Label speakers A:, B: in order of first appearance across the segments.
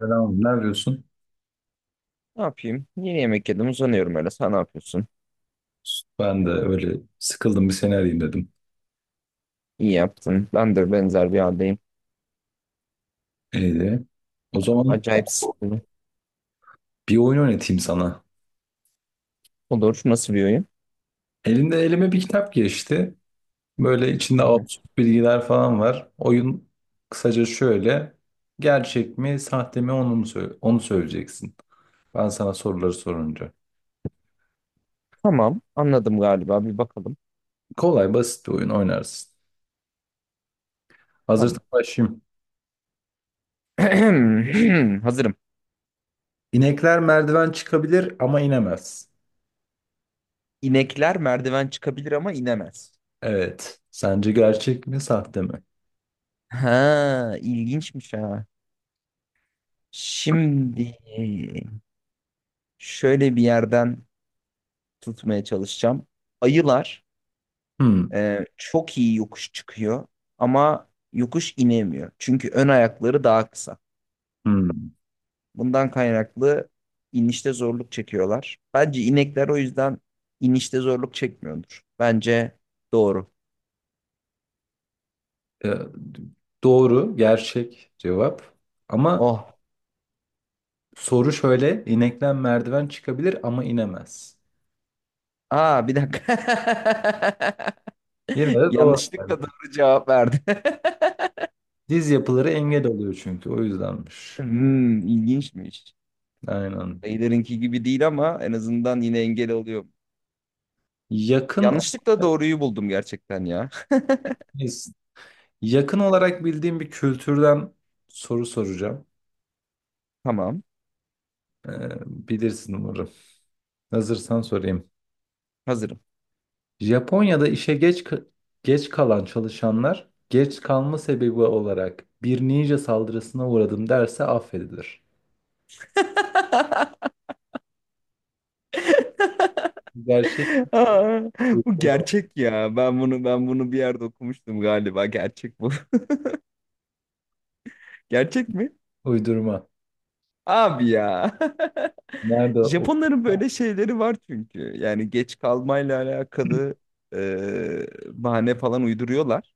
A: Selam, ne yapıyorsun?
B: Ne yapayım? Yeni yemek yedim uzanıyorum öyle. Sen ne yapıyorsun?
A: Ben de öyle sıkıldım, bir seni arayayım dedim.
B: İyi yaptın. Ben de benzer bir haldeyim.
A: İyiydi. O zaman
B: Acayip sıkıldım.
A: bir oyun oynatayım sana.
B: Olur. Nasıl bir oyun?
A: Elime bir kitap geçti. Böyle içinde
B: Hı hı.
A: absürt bilgiler falan var. Oyun kısaca şöyle. Gerçek mi, sahte mi, onu mu onu söyleyeceksin. Ben sana soruları sorunca.
B: Tamam. Anladım galiba. Bir bakalım.
A: Kolay, basit bir oyun oynarsın. Hazırsan
B: Tamam.
A: başlayayım.
B: Hazırım.
A: İnekler merdiven çıkabilir ama inemez.
B: İnekler merdiven çıkabilir ama inemez.
A: Evet. Sence gerçek mi, sahte mi?
B: Ha, ilginçmiş ha. Şimdi şöyle bir yerden tutmaya çalışacağım. Ayılar
A: Hmm.
B: çok iyi yokuş çıkıyor ama yokuş inemiyor. Çünkü ön ayakları daha kısa.
A: Hmm.
B: Bundan kaynaklı inişte zorluk çekiyorlar. Bence inekler o yüzden inişte zorluk çekmiyordur. Bence doğru.
A: Ee, doğru, gerçek cevap. Ama
B: Oh.
A: soru şöyle, inekten merdiven çıkabilir ama inemez.
B: Aa bir dakika.
A: Yine de doğru. Yani
B: Yanlışlıkla doğru cevap verdi.
A: diz yapıları engel oluyor çünkü, o yüzdenmiş.
B: Hmm, ilginçmiş.
A: Aynen.
B: Dayılarınki gibi değil ama en azından yine engel oluyor.
A: Yakın
B: Yanlışlıkla doğruyu buldum gerçekten ya.
A: yakın olarak bildiğim bir kültürden soru soracağım.
B: Tamam,
A: Ee, Bilirsin umarım. Hazırsan sorayım.
B: hazırım.
A: Japonya'da işe geç kalan çalışanlar, geç kalma sebebi olarak "bir ninja saldırısına uğradım" derse affedilir. Gerçek,
B: Aa, bu
A: uydurma.
B: gerçek ya. Ben bunu bir yerde okumuştum galiba. Gerçek bu. Gerçek mi?
A: Uydurma.
B: Abi ya.
A: Nerede o
B: Japonların böyle şeyleri var çünkü. Yani geç kalmayla alakalı e, bahane falan uyduruyorlar.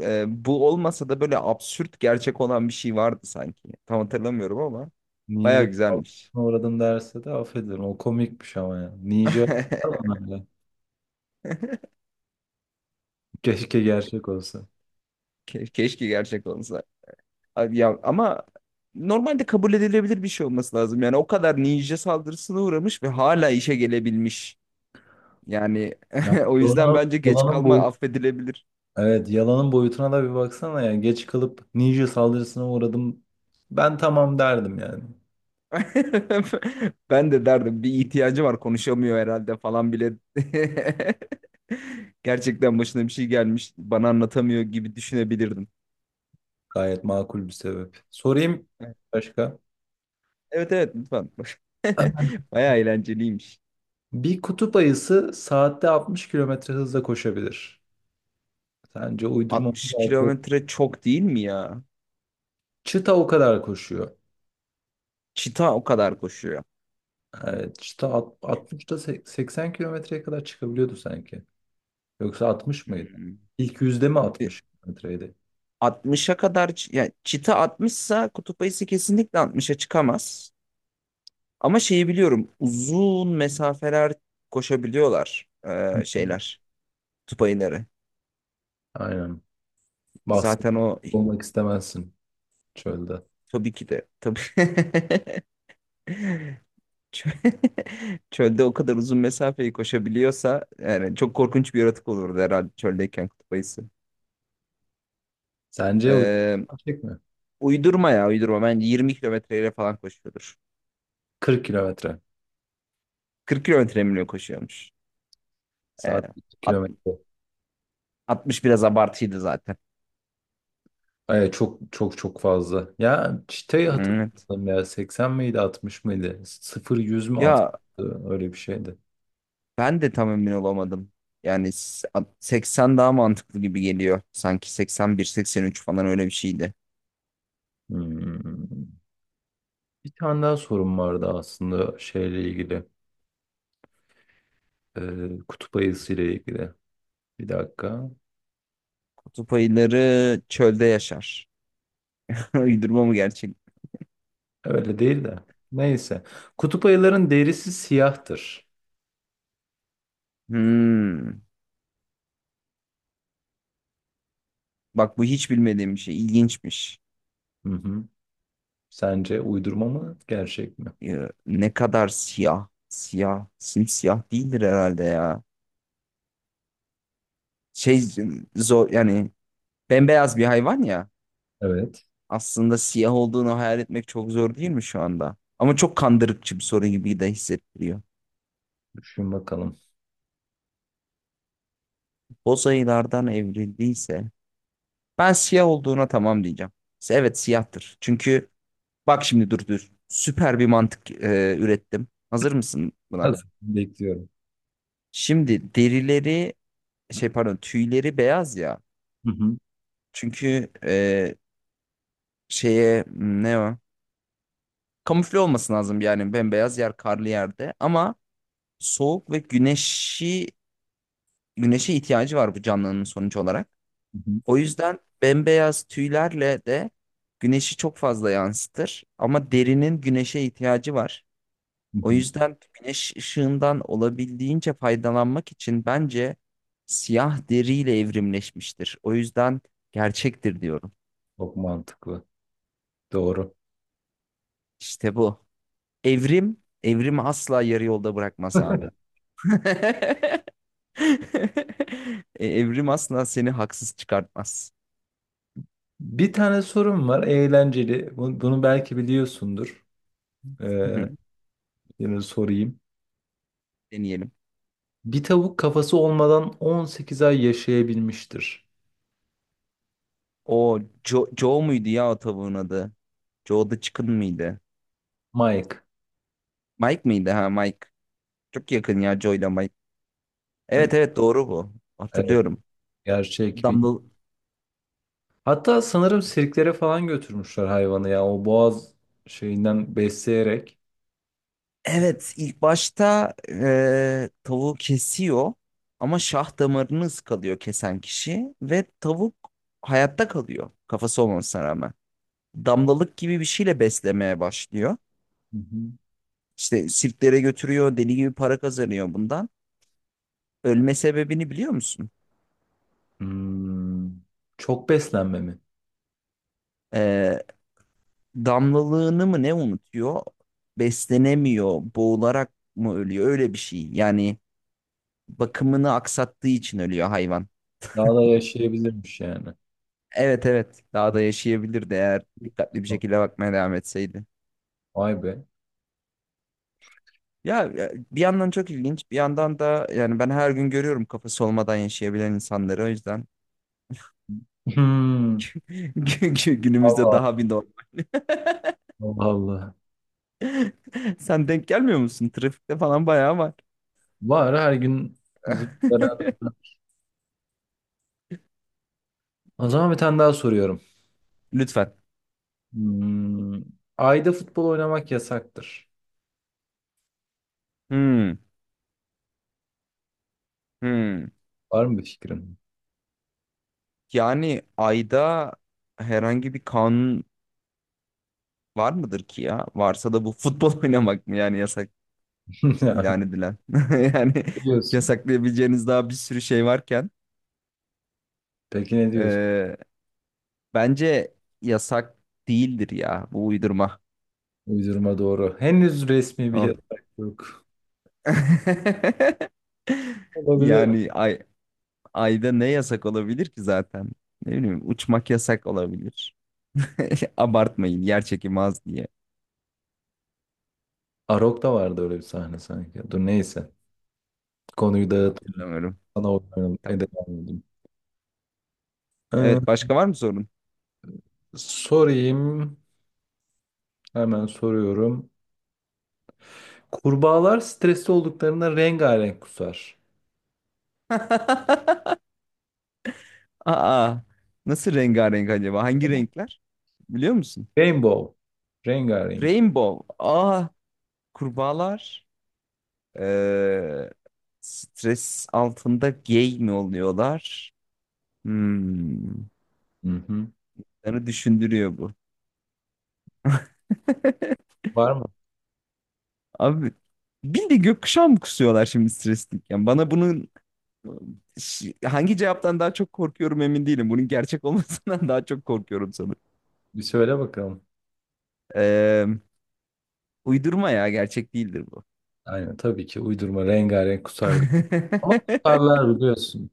B: Bu olmasa da böyle absürt gerçek olan bir şey vardı sanki. Tam hatırlamıyorum ama baya
A: "ninja
B: güzelmiş.
A: saldırısına uğradım derse de affederim". O komikmiş ama ya. Ninja falan öyle. Keşke gerçek olsa.
B: Keşke gerçek olsa. Abi ya ama normalde kabul edilebilir bir şey olması lazım. Yani o kadar ninja saldırısına uğramış ve hala işe gelebilmiş. Yani
A: Ya,
B: o yüzden
A: yalanın,
B: bence geç
A: yalanın
B: kalma
A: boyutu.
B: affedilebilir.
A: Evet, yalanın boyutuna da bir baksana ya. Geç kalıp "ninja saldırısına uğradım". Ben tamam derdim yani.
B: Ben de derdim bir ihtiyacı var konuşamıyor herhalde falan bile. Gerçekten başına bir şey gelmiş bana anlatamıyor gibi düşünebilirdim.
A: Gayet makul bir sebep. Sorayım başka.
B: Evet evet lütfen. Bayağı eğlenceliymiş.
A: Bir kutup ayısı saatte 60 kilometre hızla koşabilir. Sence uydurma mı,
B: 60
A: gerçek?
B: kilometre çok değil mi ya?
A: Çita o kadar koşuyor.
B: Çita o kadar koşuyor.
A: Evet, işte 60'da 80 kilometreye kadar çıkabiliyordu sanki. Yoksa 60 mıydı?
B: Hmm.
A: İlk yüzde mi
B: E,
A: 60 kilometreydi?
B: 60'a kadar yani çita 60'sa kutup ayısı kesinlikle 60'a çıkamaz. Ama şeyi biliyorum uzun mesafeler koşabiliyorlar
A: Hı hı.
B: şeyler kutup ayıları.
A: Aynen. Bahset,
B: Zaten o
A: olmak istemezsin çölde.
B: tabii ki de tabii Çö- çölde o kadar uzun mesafeyi koşabiliyorsa yani çok korkunç bir yaratık olurdu herhalde çöldeyken kutup ayısı.
A: Sence bu
B: Ee,
A: gerçek mi?
B: uydurma ya uydurma bence 20 kilometreyle falan koşuyordur.
A: 40 kilometre.
B: 40 kilometre mi ne koşuyormuş? Ee,
A: Saat 40
B: alt-
A: kilometre.
B: 60 biraz abartıydı zaten.
A: Ay, çok çok çok fazla. Ya, çıtayı
B: Evet.
A: hatırladım ya. 80 miydi, 60 mıydı? 0 100 mü, 60?
B: Ya
A: Öyle bir şeydi.
B: ben de tam emin olamadım. Yani 80 daha mantıklı gibi geliyor. Sanki 81-83 falan öyle bir şeydi.
A: Hmm. Bir tane daha sorum vardı aslında şeyle ilgili. Kutup ayısı ile ilgili. Bir dakika.
B: Kutup ayıları çölde yaşar. Uydurma mı gerçek?
A: Öyle değil de. Neyse. Kutup ayıların derisi siyahtır.
B: Hmm. Bak bu hiç bilmediğim bir şey. İlginçmiş.
A: Hı hı. Sence uydurma mı, gerçek mi?
B: Ya, ne kadar siyah. Siyah. Simsiyah değildir herhalde ya. Şey zor yani bembeyaz bir hayvan ya.
A: Evet.
B: Aslında siyah olduğunu hayal etmek çok zor değil mi şu anda? Ama çok kandırıkçı bir soru gibi de hissettiriyor.
A: Düşün bakalım.
B: Boz ayılardan evrildiyse ben siyah olduğuna tamam diyeceğim. İşte evet siyahtır. Çünkü bak şimdi dur dur. Süper bir mantık ürettim. Hazır mısın buna?
A: Hazır. Bekliyorum.
B: Şimdi derileri şey pardon tüyleri beyaz ya.
A: Hı hı.
B: Çünkü şeye ne o? Kamufle olması lazım yani bembeyaz yer karlı yerde ama soğuk ve güneşi güneşe ihtiyacı var bu canlının sonucu olarak.
A: Hı hı.
B: O yüzden bembeyaz tüylerle de güneşi çok fazla yansıtır ama derinin güneşe ihtiyacı var.
A: Hı
B: O
A: hı.
B: yüzden güneş ışığından olabildiğince faydalanmak için bence siyah deriyle evrimleşmiştir. O yüzden gerçektir diyorum.
A: Çok mantıklı. Doğru.
B: İşte bu. Evrim, evrimi asla yarı yolda bırakmaz abi. Evrim asla seni haksız çıkartmaz.
A: Bir tane sorum var. Eğlenceli. Bunu belki biliyorsundur.
B: Hı
A: Ee,
B: hı.
A: Yine sorayım.
B: Deneyelim.
A: Bir tavuk, kafası olmadan 18 ay yaşayabilmiştir.
B: O Joe, Joe muydu ya o tavuğun adı? Joe the Chicken mıydı?
A: Mike.
B: Mike mıydı ha Mike? Çok yakın ya Joe ile Mike. Evet evet doğru bu.
A: Evet,
B: Hatırlıyorum.
A: gerçek.
B: Dumble.
A: Hatta sanırım sirklere falan götürmüşler hayvanı ya. O boğaz şeyinden besleyerek.
B: Evet, ilk başta tavuğu kesiyor ama şah damarını ıskalıyor kesen kişi ve tavuk hayatta kalıyor kafası olmasına rağmen. Damlalık gibi bir şeyle beslemeye başlıyor.
A: Hı hı.
B: İşte sirklere götürüyor, deli gibi para kazanıyor bundan. Ölme sebebini biliyor musun?
A: Hmm, Çok beslenme mi?
B: Eee, damlalığını mı ne unutuyor? Beslenemiyor, boğularak mı ölüyor? Öyle bir şey. Yani bakımını aksattığı için ölüyor hayvan.
A: Daha da yaşayabilirmiş yani.
B: Evet evet daha da yaşayabilirdi eğer dikkatli bir şekilde bakmaya devam etseydi.
A: Vay be.
B: Ya ya, bir yandan çok ilginç bir yandan da yani ben her gün görüyorum kafası olmadan yaşayabilen insanları o yüzden
A: Hmm,
B: günümüzde
A: Allah
B: daha bir norm.
A: Allah. Allah.
B: Sen denk gelmiyor musun? Trafikte falan bayağı var.
A: Var her gün bizim beraber. O zaman bir tane daha soruyorum.
B: Lütfen.
A: Hmm, Ayda futbol oynamak yasaktır.
B: Hmm, hmm.
A: Var mı bir fikrin?
B: Yani ayda herhangi bir kanun var mıdır ki ya? Varsa da bu futbol oynamak mı yani yasak ilan edilen? Yani
A: Biliyorsun.
B: yasaklayabileceğiniz daha bir sürü şey varken.
A: Peki ne diyorsun?
B: Ee, bence yasak değildir ya bu uydurma.
A: Uydurma, doğru. Henüz resmi bir
B: Oh.
A: yasak yok. Olabilir.
B: Yani ayda ne yasak olabilir ki zaten? Ne bileyim uçmak yasak olabilir. Abartmayın yer çekimi az diye.
A: Arok'ta vardı öyle bir sahne sanki. Dur, neyse. Konuyu dağıtıp
B: Hatırlamıyorum.
A: sana oynayalım.
B: Tamam.
A: Devam edeyim. Ee,
B: Evet başka var mı sorun?
A: Sorayım. Hemen soruyorum. Kurbağalar stresli olduklarında rengarenk kusar.
B: Aa, nasıl rengarenk acaba? Hangi renkler? Biliyor musun?
A: Rainbow. Rengarenk.
B: Rainbow. Aa kurbağalar. Ee, stres altında gay mi oluyorlar? Hmm.
A: Hı hı.
B: Beni düşündürüyor bu.
A: Var mı?
B: Abi bildiğin gökkuşağı mı kusuyorlar şimdi stresliyken? Bana bunun hangi cevaptan daha çok korkuyorum emin değilim. Bunun gerçek olmasından daha çok korkuyorum sanırım.
A: Bir söyle bakalım.
B: Ee, uydurma ya gerçek değildir bu.
A: Aynen, tabii ki uydurma rengarenk kusar. Ama kusarlar biliyorsun.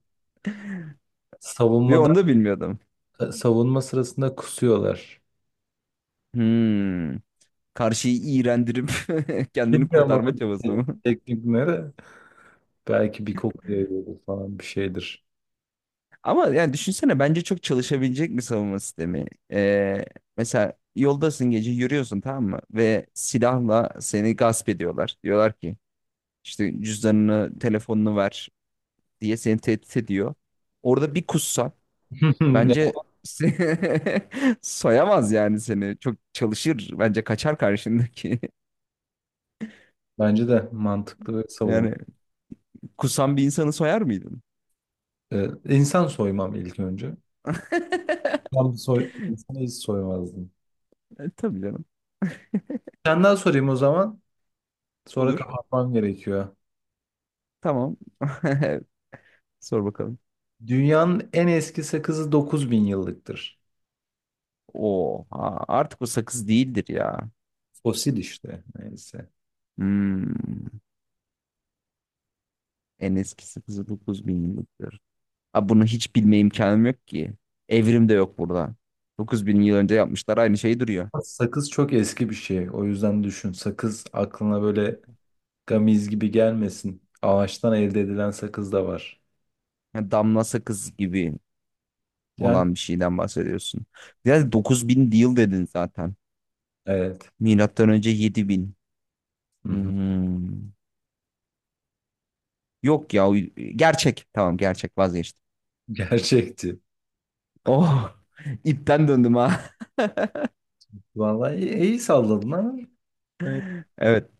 B: Ve
A: Savunmada
B: onu da bilmiyordum.
A: savunma sırasında kusuyorlar.
B: Hmm. Karşıyı iğrendirip kendini
A: Bilmiyorum
B: kurtarma
A: oradaki
B: çabası mı?
A: teknikleri. Belki bir koku yayıyordur falan, bir şeydir.
B: Ama yani düşünsene bence çok çalışabilecek bir savunma sistemi. Ee, mesela yoldasın gece yürüyorsun tamam mı? Ve silahla seni gasp ediyorlar. Diyorlar ki işte cüzdanını, telefonunu ver diye seni tehdit ediyor. Orada bir kussan
A: Yani,
B: bence soyamaz yani seni. Çok çalışır bence kaçar karşındaki.
A: bence de mantıklı ve savun.
B: Yani kusan bir insanı soyar mıydın?
A: İnsan soymam ilk önce. Ben insanı hiç soymazdım.
B: Tabii canım.
A: Senden sorayım o zaman. Sonra
B: Olur.
A: kapatmam gerekiyor.
B: Tamam. Sor bakalım.
A: Dünyanın en eski sakızı 9.000 yıllıktır.
B: Oha artık o sakız değildir ya.
A: Fosil işte, neyse.
B: Hmm. En eski sakızı 9000 yıllıktır. Abi bunu hiç bilme imkanım yok ki. Evrim de yok burada. 9000 yıl önce yapmışlar aynı şey duruyor.
A: Sakız çok eski bir şey. O yüzden düşün. Sakız aklına böyle gamiz gibi gelmesin. Ağaçtan elde edilen sakız da var.
B: Yani damla sakız gibi
A: Yani
B: olan bir şeyden bahsediyorsun. Ya 9000 yıl dedin zaten.
A: evet.
B: Milattan önce 7000.
A: Hı hı.
B: Hmm. Yok ya gerçek. Tamam gerçek vazgeçtim.
A: Gerçekti.
B: Oh ipten döndüm ha.
A: Vallahi iyi, iyi salladın ama evet.
B: Evet.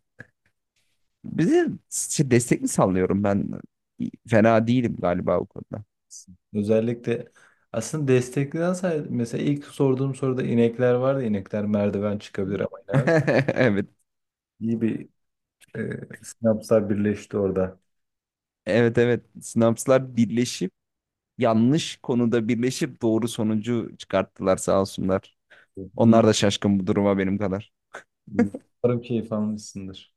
B: Bize şey, destek mi sallıyorum ben? Fena değilim galiba o konuda.
A: Özellikle aslında destekleyen say, mesela ilk sorduğum soruda inekler vardı. İnekler merdiven çıkabilir ama inemez.
B: Evet.
A: İyi bir sinapslar birleşti orada.
B: Evet evet. Sinapslar birleşip yanlış konuda birleşip doğru sonucu çıkarttılar sağ olsunlar.
A: İyi,
B: Onlar da şaşkın bu duruma benim kadar.
A: iyi. Umarım keyif almışsındır.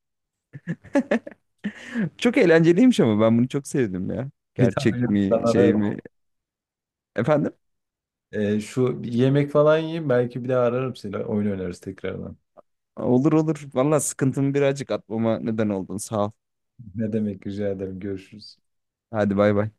B: Çok eğlenceliymiş ama ben bunu çok sevdim ya.
A: Bir daha
B: Gerçek
A: ben
B: mi şey
A: ararım.
B: mi? Efendim?
A: Şu, bir yemek falan yiyeyim, belki bir daha ararım seni. Oyun oynarız tekrardan.
B: Olur olur. Valla sıkıntımı birazcık atmama neden oldun. Sağ ol.
A: Ne demek, rica ederim. Görüşürüz.
B: Hadi bay bay.